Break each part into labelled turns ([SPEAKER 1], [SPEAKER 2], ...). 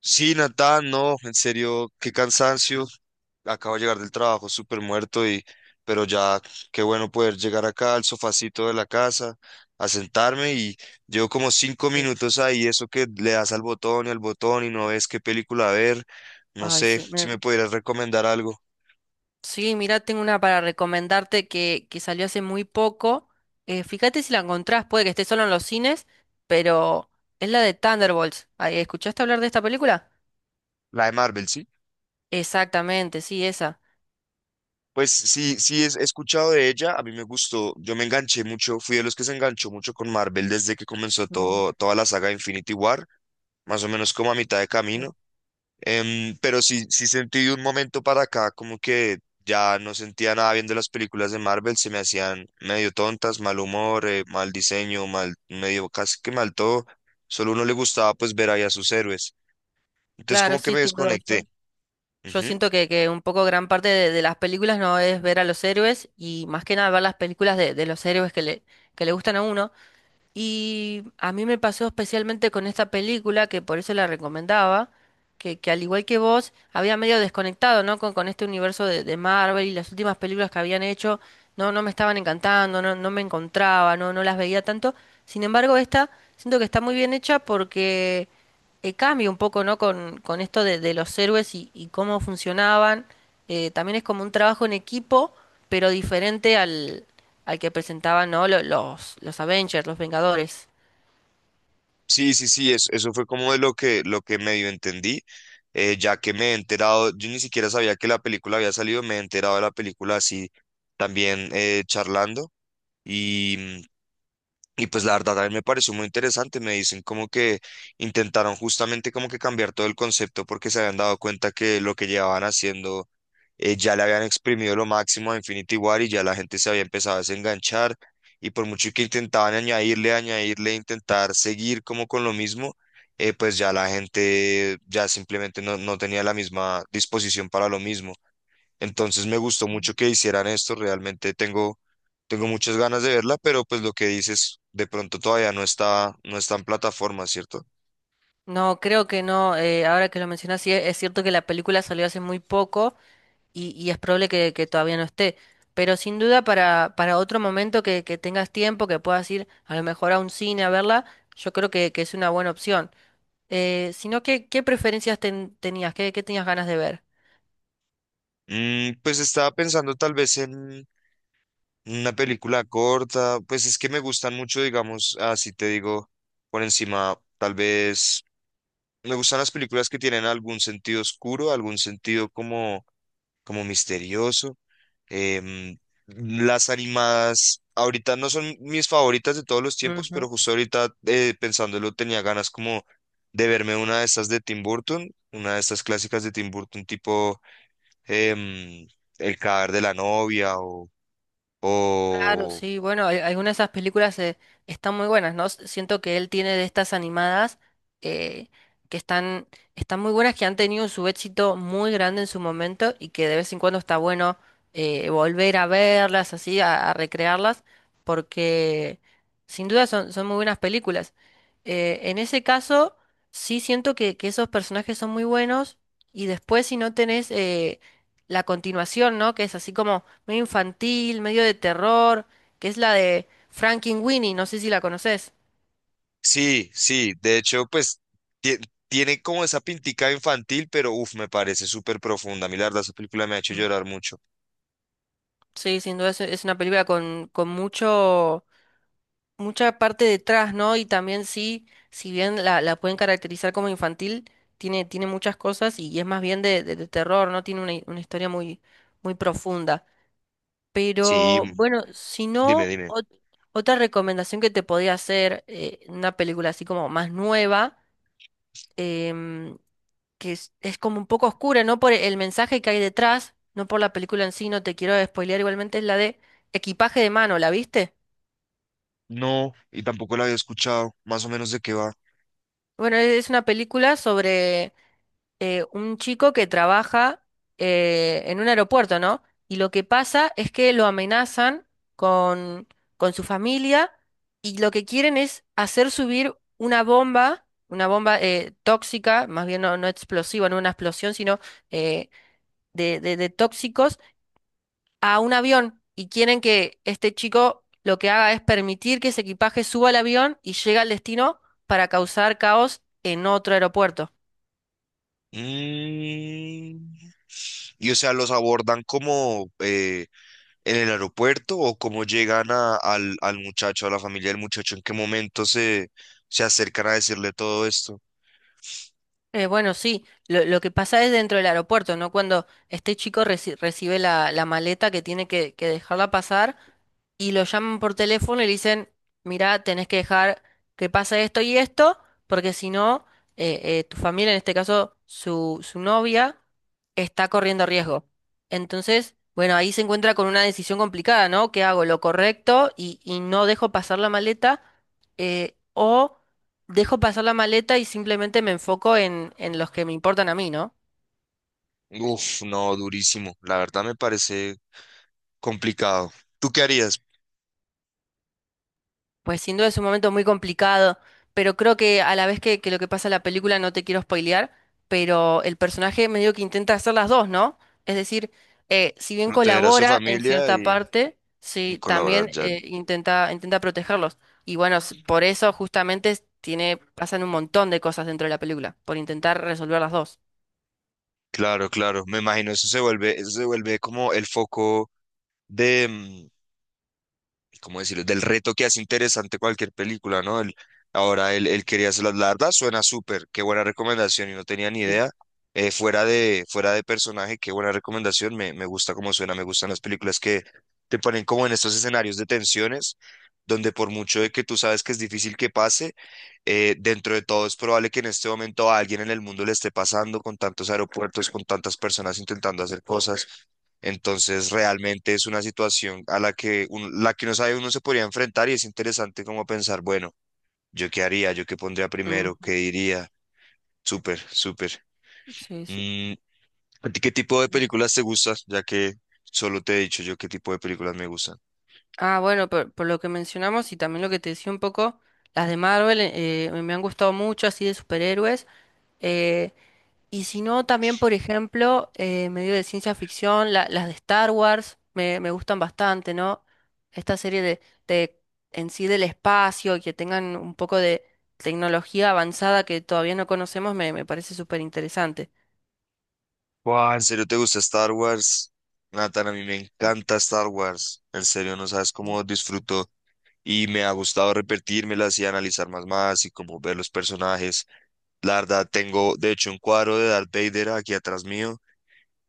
[SPEAKER 1] Sí, Natán, no, en serio, qué cansancio. Acabo de llegar del trabajo súper muerto y, pero ya, qué bueno poder llegar acá al sofacito de la casa, a sentarme y llevo como cinco
[SPEAKER 2] Sí.
[SPEAKER 1] minutos ahí, eso que le das al botón y no ves qué película ver. No
[SPEAKER 2] Ay,
[SPEAKER 1] sé
[SPEAKER 2] sí.
[SPEAKER 1] si me pudieras recomendar algo.
[SPEAKER 2] Sí, mira, tengo una para recomendarte que salió hace muy poco. Fíjate si la encontrás, puede que esté solo en los cines, pero es la de Thunderbolts. Ay, ¿escuchaste hablar de esta película?
[SPEAKER 1] La de Marvel, ¿sí?
[SPEAKER 2] Exactamente, sí, esa.
[SPEAKER 1] Pues sí, sí, he escuchado de ella, a mí me gustó, yo me enganché mucho, fui de los que se enganchó mucho con Marvel desde que comenzó
[SPEAKER 2] Ujú,
[SPEAKER 1] todo, toda la saga de Infinity War, más o menos como a mitad de
[SPEAKER 2] claro.
[SPEAKER 1] camino. Pero sí, sí sentí de un momento para acá como que ya no sentía nada bien de las películas de Marvel, se me hacían medio tontas, mal humor, mal diseño, mal, medio casi que mal todo. Solo uno le gustaba pues ver ahí a sus héroes. Entonces
[SPEAKER 2] Claro,
[SPEAKER 1] como que
[SPEAKER 2] sí,
[SPEAKER 1] me
[SPEAKER 2] sin duda.
[SPEAKER 1] desconecté.
[SPEAKER 2] Yo
[SPEAKER 1] Ujú.
[SPEAKER 2] siento que un poco gran parte de las películas no es ver a los héroes y más que nada ver las películas de los héroes que le gustan a uno. Y a mí me pasó especialmente con esta película, que por eso la recomendaba, que al igual que vos, había medio desconectado, ¿no? Con este universo de Marvel y las últimas películas que habían hecho, no me estaban encantando, no me encontraba, no las veía tanto. Sin embargo, esta siento que está muy bien hecha porque cambia un poco, ¿no? Con esto de los héroes y cómo funcionaban. También es como un trabajo en equipo, pero diferente al que presentaban, ¿no? Los Avengers, los Vengadores.
[SPEAKER 1] Sí, sí, sí, eso fue como de lo que medio entendí, ya que me he enterado, yo ni siquiera sabía que la película había salido, me he enterado de la película así también charlando. Y, Y pues la verdad a mí me pareció muy interesante, me dicen como que intentaron justamente como que cambiar todo el concepto porque se habían dado cuenta que lo que llevaban haciendo ya le habían exprimido lo máximo a Infinity War y ya la gente se había empezado a desenganchar y por mucho que intentaban añadirle, intentar seguir como con lo mismo, pues ya la gente ya simplemente no, no tenía la misma disposición para lo mismo. Entonces me gustó mucho que hicieran esto, realmente tengo muchas ganas de verla, pero pues lo que dices, de pronto todavía no está, no está en plataforma, ¿cierto?
[SPEAKER 2] No, creo que no. Ahora que lo mencionas, sí, es cierto que la película salió hace muy poco y es probable que todavía no esté. Pero sin duda para otro momento que tengas tiempo, que puedas ir a lo mejor a un cine a verla, yo creo que es una buena opción. Sino que, ¿qué tenías? ¿Qué, qué tenías ganas de ver?
[SPEAKER 1] Mm, pues estaba pensando tal vez en una película corta, pues es que me gustan mucho, digamos, así te digo, por encima, tal vez me gustan las películas que tienen algún sentido oscuro, algún sentido como misterioso. Em, las animadas ahorita no son mis favoritas de todos los tiempos, pero
[SPEAKER 2] Ujú.
[SPEAKER 1] justo ahorita pensándolo tenía ganas como de verme una de estas de Tim Burton, una de estas clásicas de Tim Burton tipo em, El cadáver de la novia
[SPEAKER 2] Claro,
[SPEAKER 1] o...
[SPEAKER 2] sí, bueno, algunas de esas películas están muy buenas, ¿no? Siento que él tiene de estas animadas eh, que están muy buenas, que han tenido su éxito muy grande en su momento y que de vez en cuando está bueno volver a verlas, así, a recrearlas, porque sin duda son muy buenas películas. En ese caso, sí siento que esos personajes son muy buenos y después si no tenés la continuación, ¿no? Que es así como medio infantil, medio de terror, que es la de Frankenweenie, no sé si la conoces.
[SPEAKER 1] Sí, sí, de hecho pues tie- tiene como esa pintica infantil, pero uff, me parece súper profunda. A mí la verdad esa película me ha hecho
[SPEAKER 2] Mm.
[SPEAKER 1] llorar mucho.
[SPEAKER 2] Sí, sin duda es una película con mucho, mucha parte detrás, ¿no? Y también sí, si bien la pueden caracterizar como infantil, tiene muchas cosas y es más bien de terror, ¿no? Tiene una, una historia muy, muy profunda.
[SPEAKER 1] Sí,
[SPEAKER 2] Pero bueno, si
[SPEAKER 1] dime,
[SPEAKER 2] no,
[SPEAKER 1] dime.
[SPEAKER 2] otra recomendación que te podría hacer, una película así como más nueva. em, que es como un poco oscura, no por el mensaje que hay detrás, no por la película en sí, no te quiero spoilear igualmente, es la de Equipaje de mano, ¿la viste?
[SPEAKER 1] No, y tampoco la había escuchado, más o menos de qué va.
[SPEAKER 2] Bueno, es una película sobre un chico que trabaja en un aeropuerto, ¿no? Y lo que pasa es que lo amenazan con, con su familia y lo que quieren es hacer subir una bomba tóxica, más bien no, no explosiva, no una explosión, sino eh, de, de tóxicos a un avión y quieren que este chico lo que haga es permitir que ese equipaje suba al avión y llegue al destino para causar caos en otro aeropuerto.
[SPEAKER 1] Mm, y o sea, los abordan como en el aeropuerto o cómo llegan al, al muchacho, a la familia del muchacho, en qué momento se acercan a decirle todo esto.
[SPEAKER 2] Bueno, sí, lo que pasa es dentro del aeropuerto, ¿no? Cuando este chico recibe la maleta que tiene que dejarla pasar y lo llaman por teléfono y le dicen, mirá, tenés que dejar que pase esto y esto, porque si no, tu familia, en este caso su novia, está corriendo riesgo. Entonces, bueno, ahí se encuentra con una decisión complicada, ¿no? ¿Qué hago? ¿Lo correcto y no dejo pasar la maleta? O dejo pasar la maleta y simplemente me enfoco en los que me importan a mí, ¿no?
[SPEAKER 1] Uf, no, durísimo. La verdad me parece complicado. ¿Tú qué harías?
[SPEAKER 2] Pues sin duda es un momento muy complicado, pero creo que a la vez que lo que pasa en la película no te quiero spoilear, pero el personaje medio que intenta hacer las dos, ¿no? Es decir, si bien
[SPEAKER 1] Proteger a su
[SPEAKER 2] colabora en
[SPEAKER 1] familia
[SPEAKER 2] cierta parte,
[SPEAKER 1] y
[SPEAKER 2] sí,
[SPEAKER 1] colaborar
[SPEAKER 2] también
[SPEAKER 1] ya.
[SPEAKER 2] intenta, intenta protegerlos. Y bueno, por eso justamente tiene, pasan un montón de cosas dentro de la película, por intentar resolver las dos.
[SPEAKER 1] Claro, claro. Me imagino eso se vuelve como el foco de, mm, ¿cómo decirlo? Del reto que hace interesante cualquier película, ¿no? Ahora él quería hacerlas, la verdad suena súper, qué buena recomendación y no tenía ni
[SPEAKER 2] Sí.
[SPEAKER 1] idea. Fuera de personaje, qué buena recomendación, me gusta cómo suena, me gustan las películas que te ponen como en estos escenarios de tensiones, donde por mucho de que tú sabes que es difícil que pase, dentro de todo es probable que en este momento a alguien en el mundo le esté pasando con tantos aeropuertos, con tantas personas intentando hacer cosas. Entonces, realmente es una situación a la que, la que no sabe uno se podría enfrentar y es interesante como pensar, bueno, ¿yo qué haría? ¿Yo qué pondría
[SPEAKER 2] Ujú.
[SPEAKER 1] primero? ¿Qué diría? Súper, súper.
[SPEAKER 2] Sí, sí.
[SPEAKER 1] Mm, ¿a ti qué tipo de películas te gustan? Ya que solo te he dicho yo qué tipo de películas me gustan.
[SPEAKER 2] Ah, bueno, por lo que mencionamos y también lo que te decía un poco, las de Marvel me han gustado mucho, así de superhéroes. eh, y si no, también, por ejemplo, medio de ciencia ficción, las de Star Wars me, me gustan bastante, ¿no? Esta serie de en sí del espacio, y que tengan un poco de tecnología avanzada que todavía no conocemos, me parece súper interesante.
[SPEAKER 1] Buah, ¿en serio te gusta Star Wars? Nathan, a mí me encanta Star Wars. En serio, no sabes cómo disfruto y me ha gustado repetírmelas y analizar más más y como ver los personajes. La verdad, tengo de hecho un cuadro de Darth Vader aquí atrás mío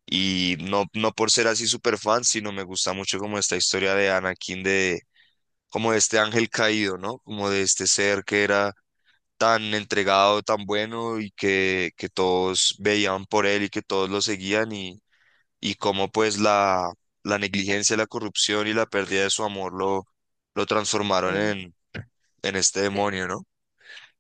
[SPEAKER 1] y no, no por ser así súper fan, sino me gusta mucho como esta historia de Anakin, de como de este ángel caído, ¿no? Como de este ser que era tan entregado, tan bueno y que todos veían por él y que todos lo seguían y cómo pues la negligencia, la corrupción y la pérdida de su amor lo transformaron
[SPEAKER 2] Sí.
[SPEAKER 1] en este demonio, ¿no?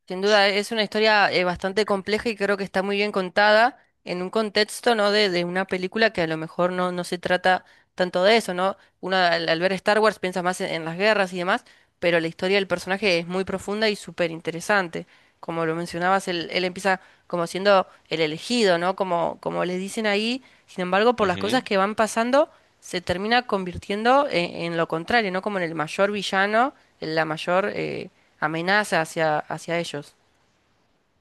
[SPEAKER 2] Sin duda, es una historia bastante compleja y creo que está muy bien contada en un contexto, ¿no? De una película que a lo mejor no, no se trata tanto de eso, ¿no? Uno al ver Star Wars piensa más en las guerras y demás, pero la historia del personaje es muy profunda y súper interesante. Como lo mencionabas, él empieza como siendo el elegido, ¿no? Como, como les dicen ahí, sin embargo, por las cosas que van pasando se termina convirtiendo en lo contrario, ¿no? Como en el mayor villano, en la mayor amenaza hacia, hacia ellos.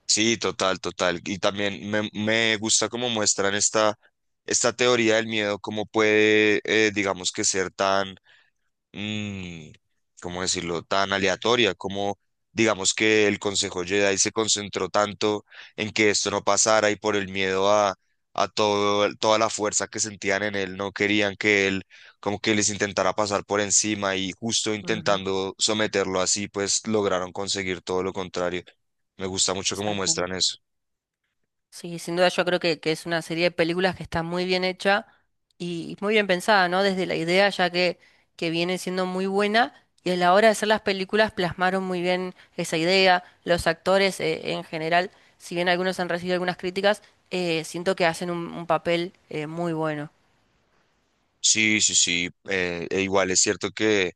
[SPEAKER 1] Sí, total, total. Y también me gusta cómo muestran esta teoría del miedo, cómo puede, digamos que ser tan mm, ¿cómo decirlo?, tan aleatoria, como digamos que el Consejo Jedi se concentró tanto en que esto no pasara y por el miedo a todo, toda la fuerza que sentían en él, no querían que él como que les intentara pasar por encima y justo
[SPEAKER 2] Ujú.
[SPEAKER 1] intentando someterlo así, pues lograron conseguir todo lo contrario. Me gusta mucho cómo muestran
[SPEAKER 2] Exactamente.
[SPEAKER 1] eso.
[SPEAKER 2] Sí, sin duda yo creo que es una serie de películas que está muy bien hecha y muy bien pensada, ¿no? Desde la idea ya que viene siendo muy buena y a la hora de hacer las películas plasmaron muy bien esa idea. Los actores en general, si bien algunos han recibido algunas críticas, siento que hacen un papel muy bueno.
[SPEAKER 1] Sí, sí, sí. E igual es cierto que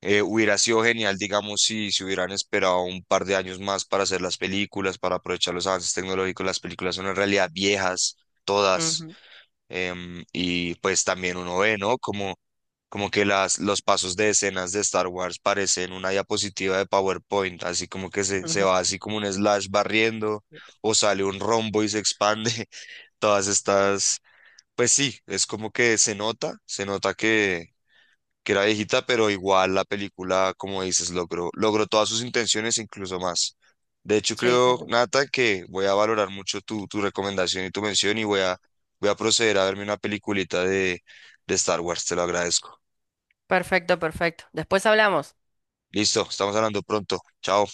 [SPEAKER 1] Hubiera sido genial, digamos, si se hubieran esperado un par de años más para hacer las películas, para aprovechar los avances tecnológicos. Las películas son en realidad viejas, todas.
[SPEAKER 2] Ujú,
[SPEAKER 1] Y pues también uno ve, ¿no? Como, como que los pasos de escenas de Star Wars parecen una diapositiva de PowerPoint, así como que se
[SPEAKER 2] ujú.
[SPEAKER 1] va así como un slash barriendo, o sale un rombo y se expande. Todas estas, pues sí, es como que se nota que era viejita, pero igual la película, como dices, logró todas sus intenciones, incluso más. De hecho,
[SPEAKER 2] Sí, sí.
[SPEAKER 1] creo, Nata, que voy a valorar mucho tu recomendación y tu mención y voy voy a proceder a verme una peliculita de Star Wars, te lo agradezco.
[SPEAKER 2] Perfecto, perfecto. Después hablamos.
[SPEAKER 1] Listo, estamos hablando pronto. Chao.